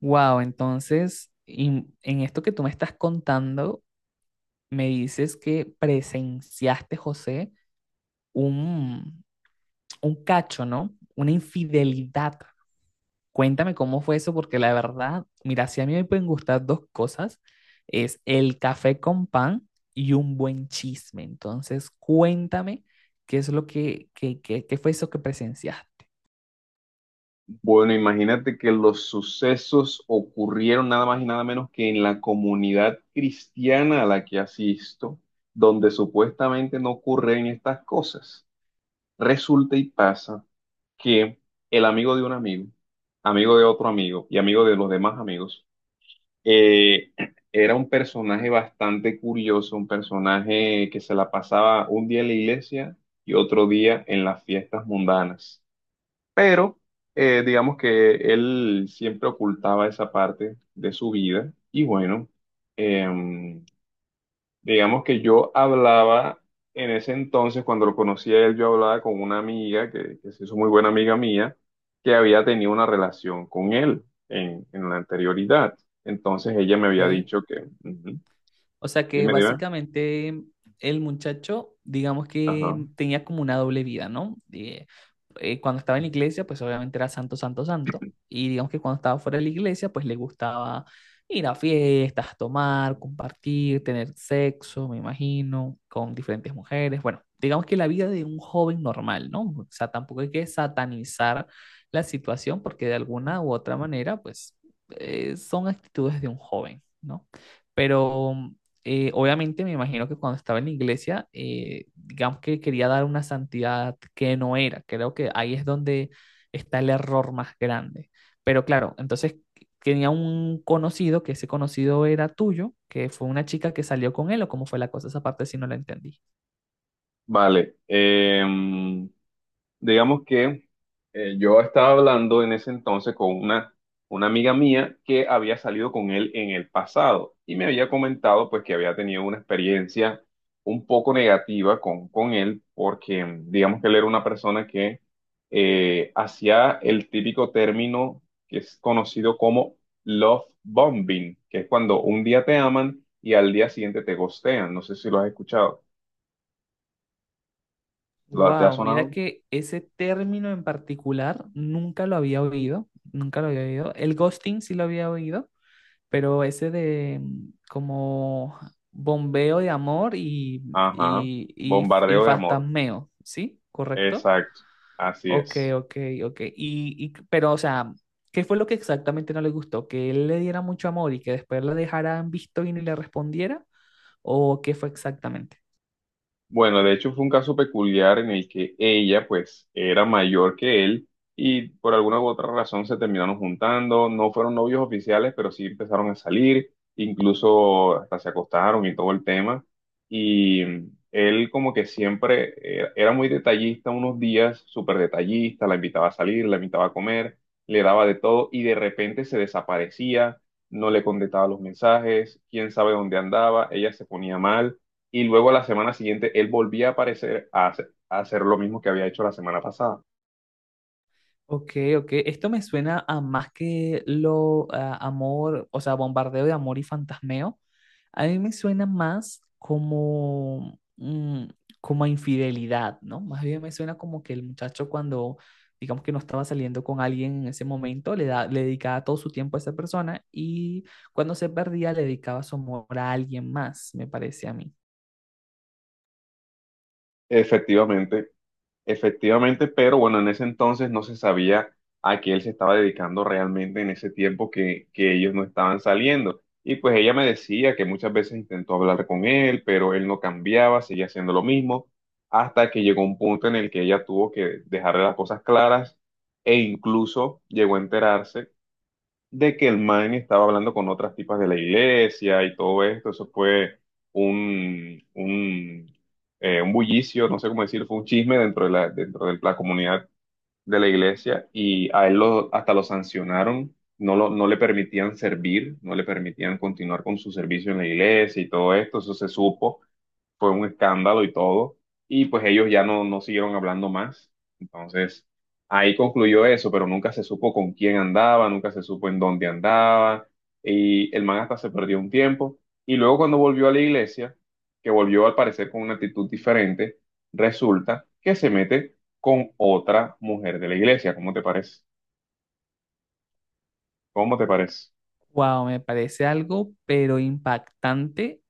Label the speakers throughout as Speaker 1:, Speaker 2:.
Speaker 1: Wow, entonces, en esto que tú me estás contando, me dices que presenciaste, José, un, un cacho, ¿no? Una infidelidad. Cuéntame cómo fue eso, porque la verdad, mira, si a mí me pueden gustar dos cosas, es el café con pan y un buen chisme. Entonces, cuéntame qué es lo qué fue eso que presenciaste.
Speaker 2: Bueno, imagínate que los sucesos ocurrieron nada más y nada menos que en la comunidad cristiana a la que asisto, donde supuestamente no ocurren estas cosas. Resulta y pasa que el amigo de un amigo, amigo de otro amigo y amigo de los demás amigos, eh, era un personaje bastante curioso, un personaje que se la pasaba un día en la iglesia y otro día en las fiestas mundanas. Pero digamos que él siempre ocultaba esa parte de su vida y bueno, em, digamos que yo hablaba en ese entonces, cuando lo conocía a él, yo hablaba con una amiga que se hizo muy buena amiga mía, que había tenido una relación con él en la anterioridad. Entonces ella me había
Speaker 1: Ok.
Speaker 2: dicho que. Ujú.
Speaker 1: O sea que
Speaker 2: Dime, dime.
Speaker 1: básicamente el muchacho, digamos que
Speaker 2: Ajá.
Speaker 1: tenía como una doble vida, ¿no? Cuando estaba en la iglesia, pues obviamente era santo, santo, santo. Y digamos que cuando estaba fuera de la iglesia, pues le gustaba ir a fiestas, tomar, compartir, tener sexo, me imagino, con diferentes mujeres. Bueno, digamos que la vida de un joven normal, ¿no? O sea, tampoco hay que satanizar la situación porque de alguna u otra manera, pues son actitudes de un joven, ¿no? Pero obviamente me imagino que cuando estaba en la iglesia, digamos que quería dar una santidad que no era. Creo que ahí es donde está el error más grande. Pero claro, entonces tenía un conocido, que ese conocido era tuyo, que fue una chica que salió con él, o cómo fue la cosa, esa parte si no la entendí.
Speaker 2: Vale. Digamos que yo estaba hablando en ese entonces con una amiga mía que había salido con él en el pasado y me había comentado pues que había tenido una experiencia un poco negativa con él porque digamos que él era una persona que hacía el típico término que es conocido como love bombing, que es cuando un día te aman y al día siguiente te ghostean. No sé si lo has escuchado. ¿Lo- ¿Te ha
Speaker 1: Wow, mira
Speaker 2: sonado?
Speaker 1: que ese término en particular nunca lo había oído, nunca lo había oído. El ghosting sí lo había oído, pero ese de como bombeo de amor y,
Speaker 2: Ajá,
Speaker 1: y, y, y
Speaker 2: bombardeo de amor.
Speaker 1: fantasmeo, ¿sí? ¿Correcto?
Speaker 2: Exacto, así
Speaker 1: Ok,
Speaker 2: es.
Speaker 1: ok, ok. Pero, o sea, ¿qué fue lo que exactamente no le gustó? ¿Que él le diera mucho amor y que después la dejara en visto y ni le respondiera? ¿O qué fue exactamente?
Speaker 2: Bueno, de hecho fue un caso peculiar en el que ella pues era mayor que él y por alguna u otra razón se terminaron juntando, no fueron novios oficiales, pero sí empezaron a salir, incluso hasta se acostaron y todo el tema. Y él como que siempre era muy detallista unos días, súper detallista, la invitaba a salir, la invitaba a comer, le daba de todo y de repente se desaparecía, no le contestaba los mensajes, quién sabe dónde andaba, ella se ponía mal y luego la semana siguiente él volvía a aparecer a hacer lo mismo que había hecho la semana pasada.
Speaker 1: Ok, ok. Esto me suena a más que lo a amor, o sea, bombardeo de amor y fantasmeo. A mí me suena más como, como a infidelidad, ¿no? Más bien me suena como que el muchacho cuando, digamos que no estaba saliendo con alguien en ese momento, le dedicaba todo su tiempo a esa persona y cuando se perdía le dedicaba su amor a alguien más, me parece a mí.
Speaker 2: Efectivamente, efectivamente, pero bueno, en ese entonces no se sabía a qué él se estaba dedicando realmente en ese tiempo que ellos no estaban saliendo. Y pues ella me decía que muchas veces intentó hablar con él, pero él no cambiaba, seguía haciendo lo mismo, hasta que llegó un punto en el que ella tuvo que dejarle las cosas claras e incluso llegó a enterarse de que el man estaba hablando con otras tipas de la iglesia y todo esto. Eso fue un, un, un bullicio, no sé cómo decir, fue un chisme dentro de la comunidad de la iglesia y a él lo, hasta lo sancionaron. No, no le permitían servir, no le permitían continuar con su servicio en la iglesia y todo esto, eso se supo fue un escándalo y todo, y pues ellos ya no siguieron hablando más. Entonces, ahí concluyó eso, pero nunca se supo con quién andaba, nunca se supo en dónde andaba, y el man hasta se perdió un tiempo. Y luego cuando volvió a la iglesia, que volvió al parecer con una actitud diferente, resulta que se mete con otra mujer de la iglesia. ¿Cómo te parece? ¿Cómo te parece?
Speaker 1: Wow, me parece algo, pero impactante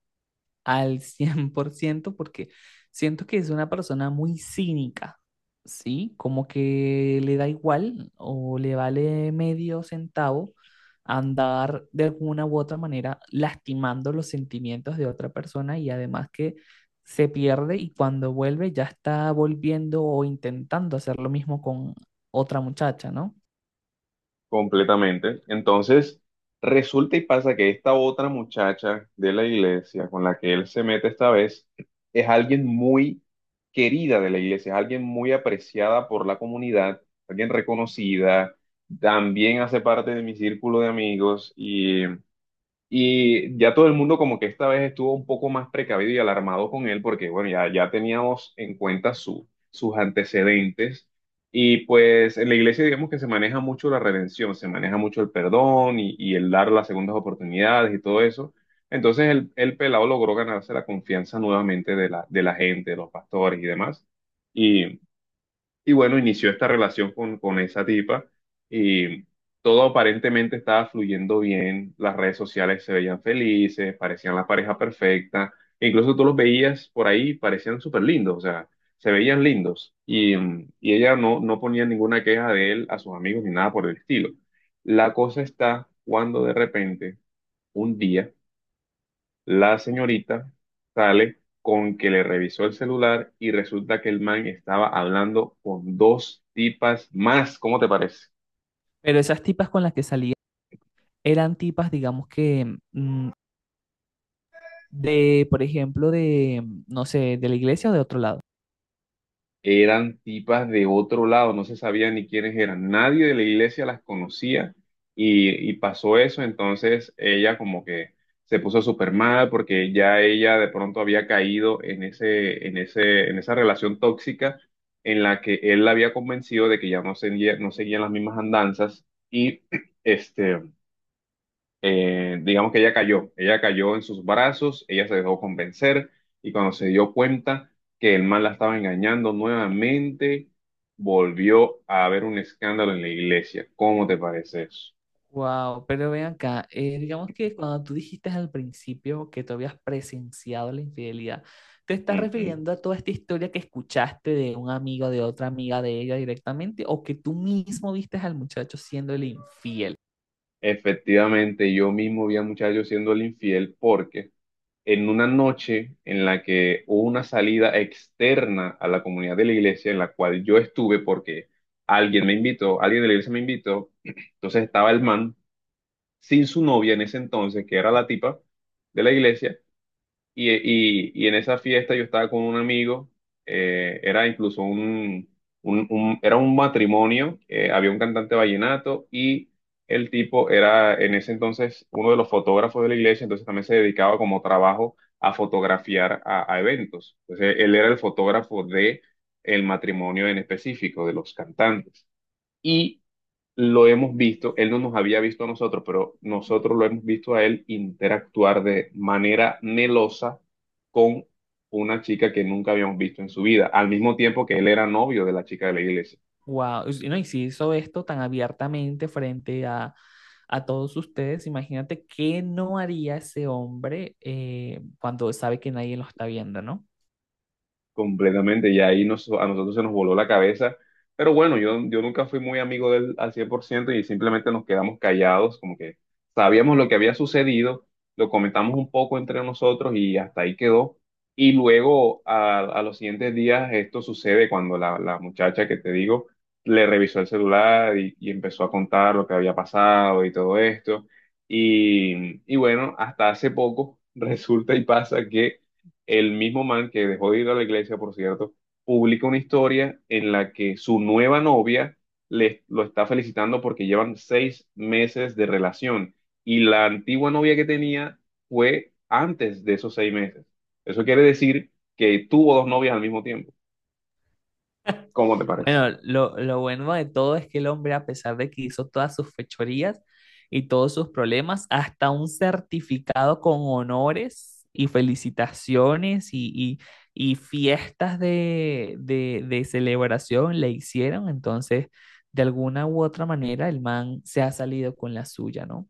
Speaker 1: al 100% porque siento que es una persona muy cínica, ¿sí? Como que le da igual o le vale medio centavo andar de alguna u otra manera lastimando los sentimientos de otra persona y además que se pierde y cuando vuelve ya está volviendo o intentando hacer lo mismo con otra muchacha, ¿no?
Speaker 2: Completamente. Entonces, resulta y pasa que esta otra muchacha de la iglesia con la que él se mete esta vez es alguien muy querida de la iglesia, es alguien muy apreciada por la comunidad, alguien reconocida, también hace parte de mi círculo de amigos y ya todo el mundo como que esta vez estuvo un poco más precavido y alarmado con él porque, bueno, ya teníamos en cuenta sus antecedentes. Y pues en la iglesia digamos que se maneja mucho la redención, se maneja mucho el perdón y el dar las segundas oportunidades y todo eso. Entonces el pelado logró ganarse la confianza nuevamente de la gente, de los pastores y demás. Y bueno, inició esta relación con esa tipa y todo aparentemente estaba fluyendo bien, las redes sociales se veían felices, parecían la pareja perfecta, e incluso tú los veías por ahí, parecían súper lindos, o sea, se veían lindos y ella no ponía ninguna queja de él a sus amigos ni nada por el estilo. La cosa está cuando de repente, un día, la señorita sale con que le revisó el celular y resulta que el man estaba hablando con dos tipas más. ¿Cómo te parece?
Speaker 1: Pero esas tipas con las que salía eran tipas, digamos que de, por ejemplo, de, no sé, de la iglesia o de otro lado.
Speaker 2: Eran tipas de otro lado, no se sabía ni quiénes eran, nadie de la iglesia las conocía y pasó eso, entonces ella como que se puso súper mal porque ya ella de pronto había caído en ese, en ese, en esa relación tóxica en la que él la había convencido de que ya no seguía, no seguían las mismas andanzas y este digamos que ella cayó en sus brazos, ella se dejó convencer y cuando se dio cuenta que el man la estaba engañando nuevamente, volvió a haber un escándalo en la iglesia. ¿Cómo te parece eso?
Speaker 1: Wow, pero ven acá, digamos que cuando tú dijiste al principio que tú habías presenciado la infidelidad, ¿te estás
Speaker 2: Ujú.
Speaker 1: refiriendo a toda esta historia que escuchaste de un amigo, de otra amiga de ella directamente, o que tú mismo viste al muchacho siendo el infiel?
Speaker 2: Efectivamente, yo mismo vi a muchachos siendo el infiel porque en una noche en la que hubo una salida externa a la comunidad de la iglesia en la cual yo estuve porque alguien me invitó, alguien de la iglesia me invitó, entonces estaba el man sin su novia en ese entonces, que era la tipa de la iglesia, y en esa fiesta yo estaba con un amigo, era incluso era un matrimonio, había un cantante vallenato y el tipo era en ese entonces uno de los fotógrafos de la iglesia, entonces también se dedicaba como trabajo a fotografiar a eventos. Entonces él era el fotógrafo de el matrimonio en específico de los cantantes. Y lo hemos visto, él no nos había visto a nosotros, pero nosotros lo hemos visto a él interactuar de manera melosa con una chica que nunca habíamos visto en su vida, al mismo tiempo que él era novio de la chica de la iglesia.
Speaker 1: Wow, y, si, no, y si hizo esto tan abiertamente frente a todos ustedes, imagínate qué no haría ese hombre cuando sabe que nadie lo está viendo, ¿no?
Speaker 2: Completamente, y ahí a nosotros se nos voló la cabeza. Pero bueno, yo nunca fui muy amigo de él al 100% y simplemente nos quedamos callados, como que sabíamos lo que había sucedido, lo comentamos un poco entre nosotros y hasta ahí quedó. Y luego, a los siguientes días, esto sucede cuando la muchacha que te digo le revisó el celular y empezó a contar lo que había pasado y todo esto. Y bueno, hasta hace poco resulta y pasa que el mismo man que dejó de ir a la iglesia, por cierto, publica una historia en la que su nueva novia lo está felicitando porque llevan 6 meses de relación y la antigua novia que tenía fue antes de esos 6 meses. Eso quiere decir que tuvo dos novias al mismo tiempo. ¿Cómo te parece?
Speaker 1: Bueno, lo bueno de todo es que el hombre, a pesar de que hizo todas sus fechorías y todos sus problemas, hasta un certificado con honores y felicitaciones y fiestas de celebración le hicieron. Entonces, de alguna u otra manera, el man se ha salido con la suya, ¿no?